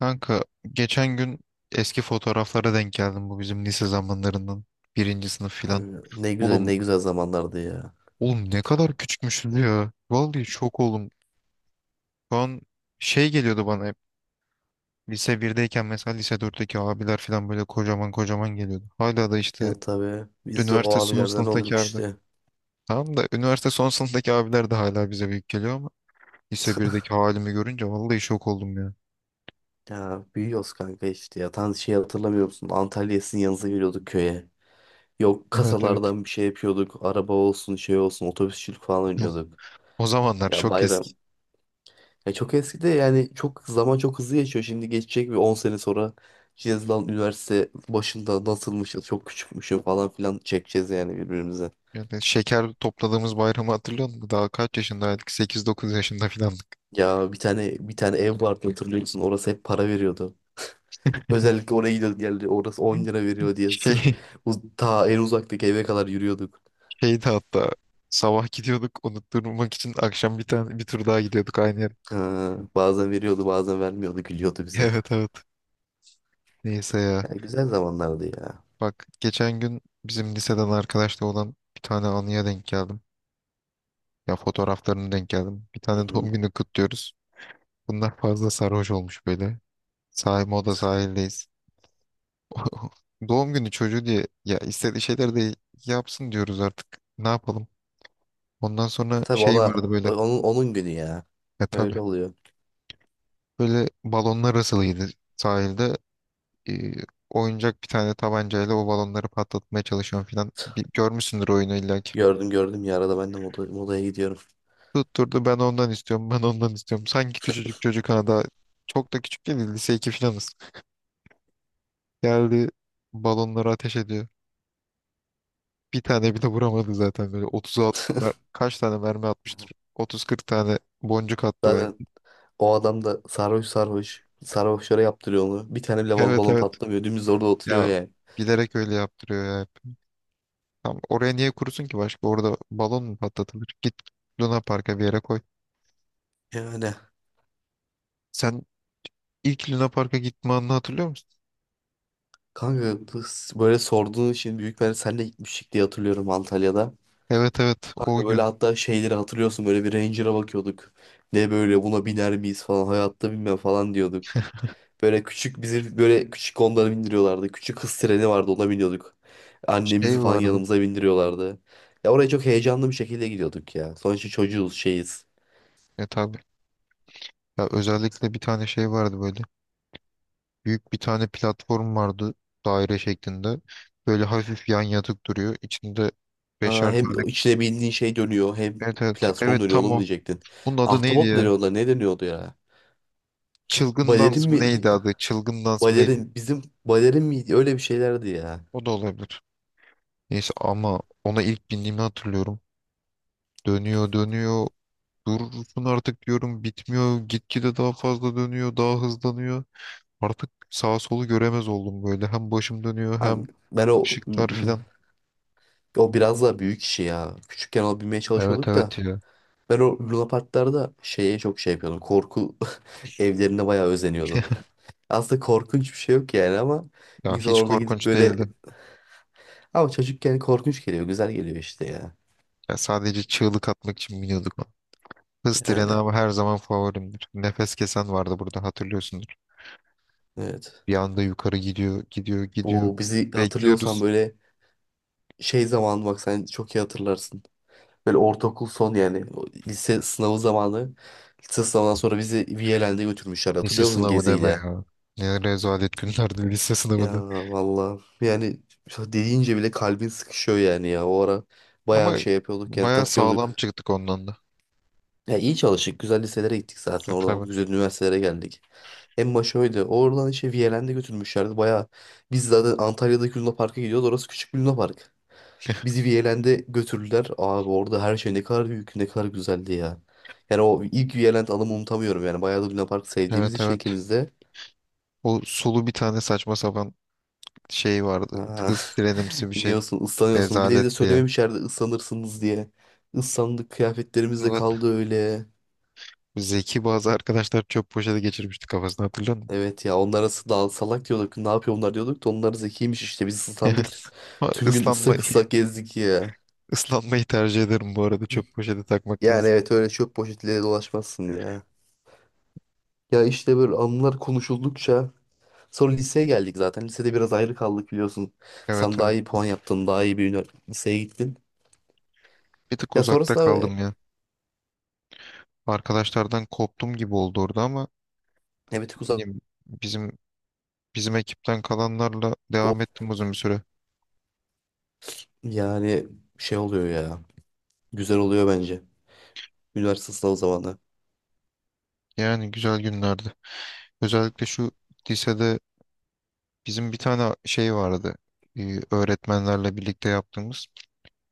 Kanka, geçen gün eski fotoğraflara denk geldim, bu bizim lise zamanlarından birinci sınıf filan. Kanka, ne güzel Oğlum, ne güzel zamanlardı ya. oğlum, ne kadar küçükmüşüz ya. Vallahi şok oğlum. Şu an şey geliyordu bana hep. Lise birdeyken mesela lise dörtteki abiler filan böyle kocaman kocaman geliyordu. Hala da işte Ya tabii biz de o üniversite son abilerden sınıftaki olduk abiler. işte. Tamam da üniversite son sınıftaki abiler de hala bize büyük geliyor ama lise birdeki halimi görünce vallahi şok oldum ya. Ya büyüyoruz kanka işte ya. Şey hatırlamıyor musun? Antalya'ya sizin yanınıza geliyorduk köye. Yok, Evet, evet. kasalardan bir şey yapıyorduk. Araba olsun, şey olsun, otobüsçülük falan oynuyorduk. O zamanlar Ya şok. bayram. Ya çok eski de, yani çok zaman çok hızlı geçiyor. Şimdi geçecek, bir 10 sene sonra Cezlan üniversite başında nasılmışız, çok küçükmüşüm falan filan çekeceğiz yani birbirimize. Yani şeker topladığımız bayramı hatırlıyor musun? Daha kaç yaşındaydık? Sekiz, dokuz yaşında falan. Ya bir tane ev vardı, hatırlıyor musun? Orası hep para veriyordu. Özellikle oraya gidiyorduk geldi. Orası 10 lira veriyor diye. Sırf Şey, ta en uzaktaki eve kadar yürüyorduk. şeydi hatta, sabah gidiyorduk, unutturmak için akşam bir tane bir tur daha gidiyorduk aynı yere. Ha, bazen veriyordu, bazen vermiyordu. Gülüyordu bize. Evet, evet. Neyse ya. Ya güzel zamanlardı ya. Bak, geçen gün bizim liseden arkadaşla olan bir tane anıya denk geldim. Ya, fotoğraflarını denk geldim. Bir tane Hı-hı. doğum günü kutluyoruz. Bunlar fazla sarhoş olmuş böyle. Sahil, moda sahildeyiz. Doğum günü çocuğu diye ya, istediği şeyler de yapsın diyoruz artık. Ne yapalım? Ondan E sonra tabii, şey ona vardı böyle. onun, onun günü ya. E tabii. Öyle oluyor. Böyle balonlar asılıydı sahilde. E, oyuncak bir tane tabancayla o balonları patlatmaya çalışıyorum falan. Bir, görmüşsündür oyunu illa ki. Gördüm gördüm ya, arada ben de modaya gidiyorum. Tutturdu, ben ondan istiyorum, ben ondan istiyorum. Sanki küçücük çocuk, ha daha çok da küçük değil, lise 2 filanız. Geldi, balonları ateş ediyor. Bir tane bile vuramadı zaten, böyle 30'a kaç tane mermi atmıştır? 30-40 tane boncuk attı Zaten belki. o adam da sarhoş sarhoş. Sarhoşlara yaptırıyor onu. Bir tane bile Evet, balon evet patlamıyor. Dümdüz orada oturuyor ya, yani. bilerek öyle yaptırıyor ya. Tamam, oraya niye kurusun ki başka? Orada balon mu patlatılır? Git Luna Park'a bir yere koy. Yani Sen ilk Luna Park'a gitme anını hatırlıyor musun? kanka, böyle sorduğun için büyük ben senle gitmiştik diye hatırlıyorum Antalya'da. Evet, evet, o Kanka, böyle gün hatta şeyleri hatırlıyorsun, böyle bir Ranger'a bakıyorduk. Ne, böyle buna biner miyiz falan, hayatta binmem falan diyorduk. Böyle küçük, bizi böyle küçük Honda'lara bindiriyorlardı. Küçük hız treni vardı, ona biniyorduk. Annemizi şey falan vardı. yanımıza bindiriyorlardı. Ya oraya çok heyecanlı bir şekilde gidiyorduk ya. Sonuçta çocuğuz şeyiz. E tabii. Ya özellikle bir tane şey vardı böyle. Büyük bir tane platform vardı, daire şeklinde. Böyle hafif yan yatık duruyor. İçinde Ha, beşer hem tane. içine bindiğin şey dönüyor, hem Evet, evet. platform Evet, dönüyor tam oğlum o. diyecektin. Bunun adı neydi Ahtapot mu ya? deniyor ona, ne deniyordu ya? Çılgın Balerin dans mı mi? neydi adı? Çılgın dans mı neydi? Balerin, bizim balerin miydi? Öyle bir şeylerdi ya. O da olabilir. Neyse, ama ona ilk bindiğimi hatırlıyorum. Dönüyor dönüyor. Durursun artık diyorum, bitmiyor. Gitgide daha fazla dönüyor, daha hızlanıyor. Artık sağ solu göremez oldum böyle. Hem başım dönüyor, hem Hani Ben o ışıklar filan. o biraz daha büyük işi ya. Küçükken alabilmeye Evet, çalışıyorduk da. evet ya. Ben o Luna Parklarda şeye çok şey yapıyordum. Korku evlerine bayağı özeniyordum. Aslında korkunç bir şey yok yani, ama Ya insan hiç orada gidip korkunç böyle... değildi. Ama çocukken korkunç geliyor, güzel geliyor işte ya. Ya sadece çığlık atmak için biniyorduk ona. Hız treni Yani ama her zaman favorimdir. Nefes kesen vardı burada, hatırlıyorsundur. evet. Bir anda yukarı gidiyor, gidiyor, gidiyor. Bu bizi hatırlıyorsan, Bekliyoruz. böyle şey zamanı, bak sen çok iyi hatırlarsın. Böyle ortaokul son, yani o lise sınavı zamanı. Lise sınavından sonra bizi Viyelen'de götürmüşler, Lise hatırlıyor musun, sınavı deme geziyle? ya. Ne rezalet günlerdi lise sınavı Ya da. valla, yani dediğince bile kalbin sıkışıyor yani ya. O ara bayağı Ama şey yapıyorduk yani, bayağı sağlam takıyorduk. çıktık ondan da. Ya iyi çalıştık. Güzel liselere gittik zaten Ya, oradan. tabii. Güzel üniversitelere geldik. En başı öyle. Oradan işte Viyelen'de götürmüşlerdi. Bayağı, biz zaten Antalya'daki Luna Park'a gidiyoruz. Orası küçük bir Luna Park. Bizi Viyelen'de götürdüler. Abi, orada her şey ne kadar büyük, ne kadar güzeldi ya. Yani o ilk Viyeland anımı unutamıyorum yani. Bayağı da Luna Park sevdiğimiz Evet, için evet. ikimiz de. O sulu bir tane saçma sapan şey vardı. Aha. Kız trenimsi bir şey. İniyorsun, ıslanıyorsun. Bir de bize Rezalet diye. söylememiş yerde ıslanırsınız diye. Islandık, kıyafetlerimiz de Evet. kaldı öyle. Zeki bazı arkadaşlar çöp poşeti geçirmişti kafasına, hatırlıyor musun? Evet ya, onlara s- daha salak diyorduk. Ne yapıyor bunlar diyorduk da, onlar zekiymiş işte. Biz Yani ıslandık. ama Tüm gün ıslak ıslanmayı, ıslak gezdik ya. ıslanmayı tercih ederim bu arada, çöp poşeti takmaktan. Yani evet, öyle çöp poşetiyle dolaşmazsın ya. Ya işte, böyle anılar konuşuldukça sonra liseye geldik zaten. Lisede biraz ayrı kaldık, biliyorsun. Evet, Sen daha evet. iyi puan yaptın, daha iyi bir liseye gittin. Bir tık Ya uzakta sonrasında kaldım ya. Arkadaşlardan koptum gibi oldu orada, ama evet, uzak bileyim, bizim ekipten kalanlarla o devam ettim uzun bir süre. yani şey oluyor ya. Güzel oluyor bence. Üniversite sınavı zamanı. Yani güzel günlerdi. Özellikle şu lisede bizim bir tane şey vardı. Öğretmenlerle birlikte yaptığımız.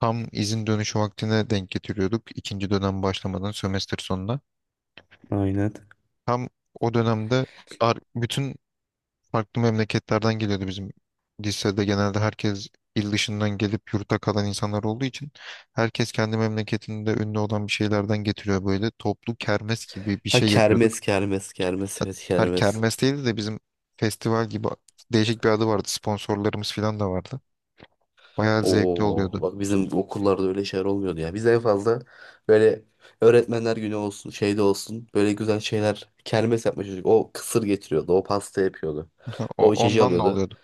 Tam izin dönüşü vaktine denk getiriyorduk. İkinci dönem başlamadan, sömestr sonuna. Aynen. Tam o dönemde, bütün farklı memleketlerden geliyordu bizim lisede. Genelde herkes il dışından gelip yurtta kalan insanlar olduğu için, herkes kendi memleketinde ünlü olan bir şeylerden getiriyor böyle. Toplu kermes gibi bir Ha, şey yapıyorduk. kermes kermes kermes, Hat- evet, Her kermes. kermes değildi de, bizim festival gibi değişik bir adı vardı. Sponsorlarımız falan da vardı. Bayağı zevkli Oo, oluyordu. bak, bizim okullarda öyle şeyler olmuyordu ya. Biz en fazla böyle öğretmenler günü olsun, şeyde olsun, böyle güzel şeyler, kermes yapmış çocuk. O kısır getiriyordu, o pasta yapıyordu. O içeceği Ondan da alıyordu. oluyordu.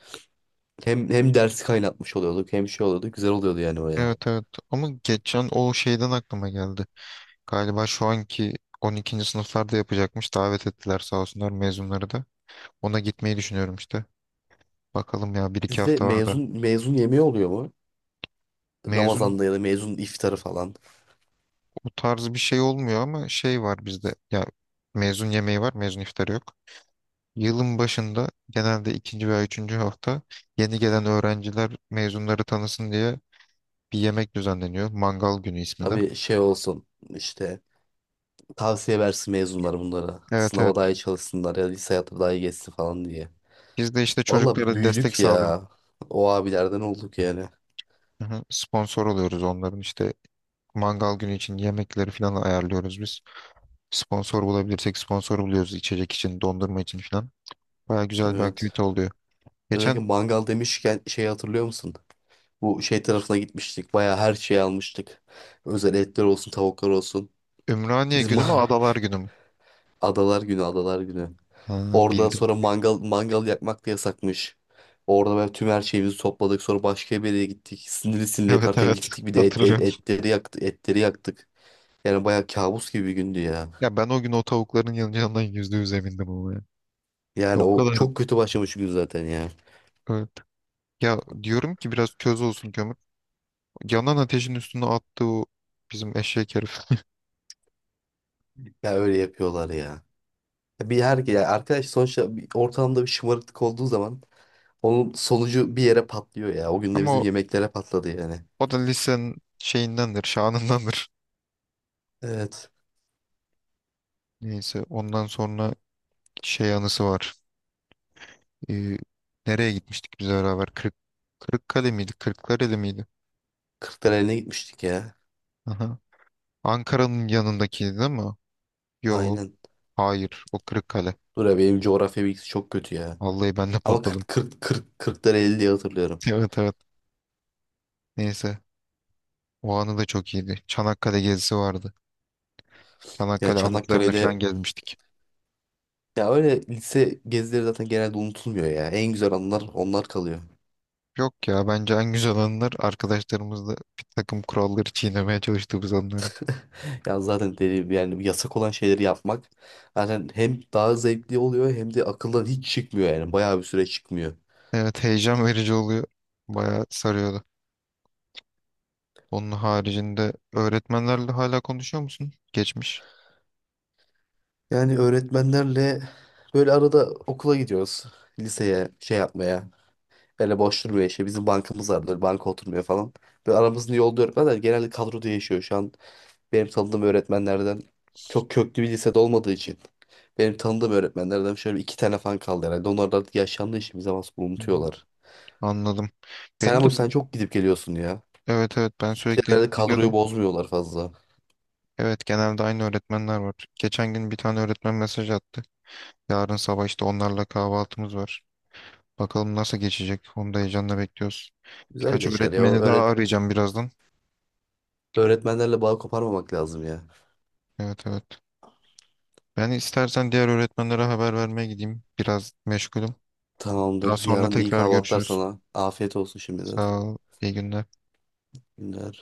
Hem dersi kaynatmış oluyorduk, hem şey oluyordu, güzel oluyordu yani o yani. Evet, evet, ama geçen o şeyden aklıma geldi. Galiba şu anki 12. sınıflarda yapacakmış. Davet ettiler sağ olsunlar, mezunları da. Ona gitmeyi düşünüyorum işte. Bakalım ya, bir iki Sizde hafta var da. mezun yemeği oluyor mu? Mezun Ramazan'da ya da mezun iftarı falan. O tarz bir şey olmuyor ama şey var bizde. Ya, mezun yemeği var, mezun iftarı yok. Yılın başında, genelde ikinci veya üçüncü hafta, yeni gelen öğrenciler mezunları tanısın diye bir yemek düzenleniyor. Mangal günü ismi de. Tabii şey olsun işte, tavsiye versin mezunlar bunlara. Evet, Sınava evet. daha iyi çalışsınlar ya da lise hayatı daha iyi geçsin falan diye. Biz de işte Valla çocuklara destek büyüdük sağlıyoruz. ya. O abilerden olduk yani. Hı hı. Sponsor oluyoruz, onların işte mangal günü için yemekleri falan ayarlıyoruz biz. Sponsor bulabilirsek sponsor buluyoruz, içecek için, dondurma için falan. Baya güzel bir Evet. aktivite oluyor. Özellikle Geçen mangal demişken, şey, hatırlıyor musun? Bu şey tarafına gitmiştik. Baya her şeyi almıştık. Özel etler olsun, tavuklar olsun. Ümraniye Biz günü mü, ma- Adalar günü mü? adalar günü, adalar günü. Ha, Orada bildim. sonra mangal yakmak da yasakmış. Orada böyle tüm her şeyimizi topladık. Sonra başka bir yere gittik. Sinirli sinirli Evet, yakarken evet, gittik. Bir de hatırlıyorum. etleri yaktık, etleri yaktık. Yani bayağı kabus gibi bir gündü ya. Ya ben o gün o tavukların yanacağından yüzde yüz emindim ama ya. Ya, Yani o o kadar. çok kötü başlamış gün zaten ya. Evet. Ya, diyorum ki biraz köz olsun kömür. Yanan ateşin üstüne attı o bizim eşek herif. Ya öyle yapıyorlar ya. Ya bir her ya, arkadaş sonuçta bir ortamda bir şımarıklık olduğu zaman onun sonucu bir yere patlıyor ya. O gün de Ama bizim o yemeklere patladı yani. O da lisenin şeyindendir, şanındandır. Evet. Neyse, ondan sonra şey anısı var. Ee, nereye gitmiştik biz beraber? Kırıkkale miydi? Kırklareli miydi? Kırklareli'ne gitmiştik ya. Aha. Ankara'nın yanındakiydi değil mi? Yok. Aynen. Hayır. O Kırıkkale. Dur ya, benim coğrafya bilgisi çok kötü ya. Vallahi ben de Ama patladım. 40 40 40 40'tan 50 diye hatırlıyorum. Evet, evet. Neyse. O anı da çok iyiydi. Çanakkale gezisi vardı. Ya Çanakkale anıtlarını Çanakkale'de, falan gezmiştik. ya öyle lise gezileri zaten genelde unutulmuyor ya. En güzel anılar onlar kalıyor. Yok ya, bence en güzel anılar arkadaşlarımızla bir takım kuralları çiğnemeye çalıştığımız anlar. Ya zaten deli, yani yasak olan şeyleri yapmak zaten hem daha zevkli oluyor, hem de akıldan hiç çıkmıyor yani. Bayağı bir süre çıkmıyor. Evet, heyecan verici oluyor. Bayağı sarıyordu. Onun haricinde öğretmenlerle hala konuşuyor musun? Geçmiş. Yani öğretmenlerle böyle arada okula gidiyoruz. Liseye şey yapmaya. Böyle boş durmuyor işte. Bizim bankamız var, böyle banka oturmuyor falan. Böyle aramızda yolda öğretmenler genelde kadroda yaşıyor. Şu an benim tanıdığım öğretmenlerden, çok köklü bir lisede olmadığı için benim tanıdığım öğretmenlerden şöyle 2 tane fan kaldı herhalde. Onlar da artık yaşlandığı için bir zaman sonra Hı hı. unutuyorlar. Anladım. Sen Benim de, ama, sen çok gidip geliyorsun ya. evet, evet, ben Bir de sürekli herhalde kadroyu gidiyordum. bozmuyorlar fazla. Evet, genelde aynı öğretmenler var. Geçen gün bir tane öğretmen mesaj attı. Yarın sabah işte onlarla kahvaltımız var. Bakalım nasıl geçecek. Onu da heyecanla bekliyoruz. Güzel Birkaç geçer ya. öğretmeni daha arayacağım birazdan. Öğretmenlerle bağ koparmamak lazım ya. Evet, evet. Ben istersen diğer öğretmenlere haber vermeye gideyim. Biraz meşgulüm. Daha Tamamdır. sonra Yarın iyi tekrar kahvaltılar görüşürüz. sana. Afiyet olsun şimdiden. Sağ ol. İyi günler. Günler.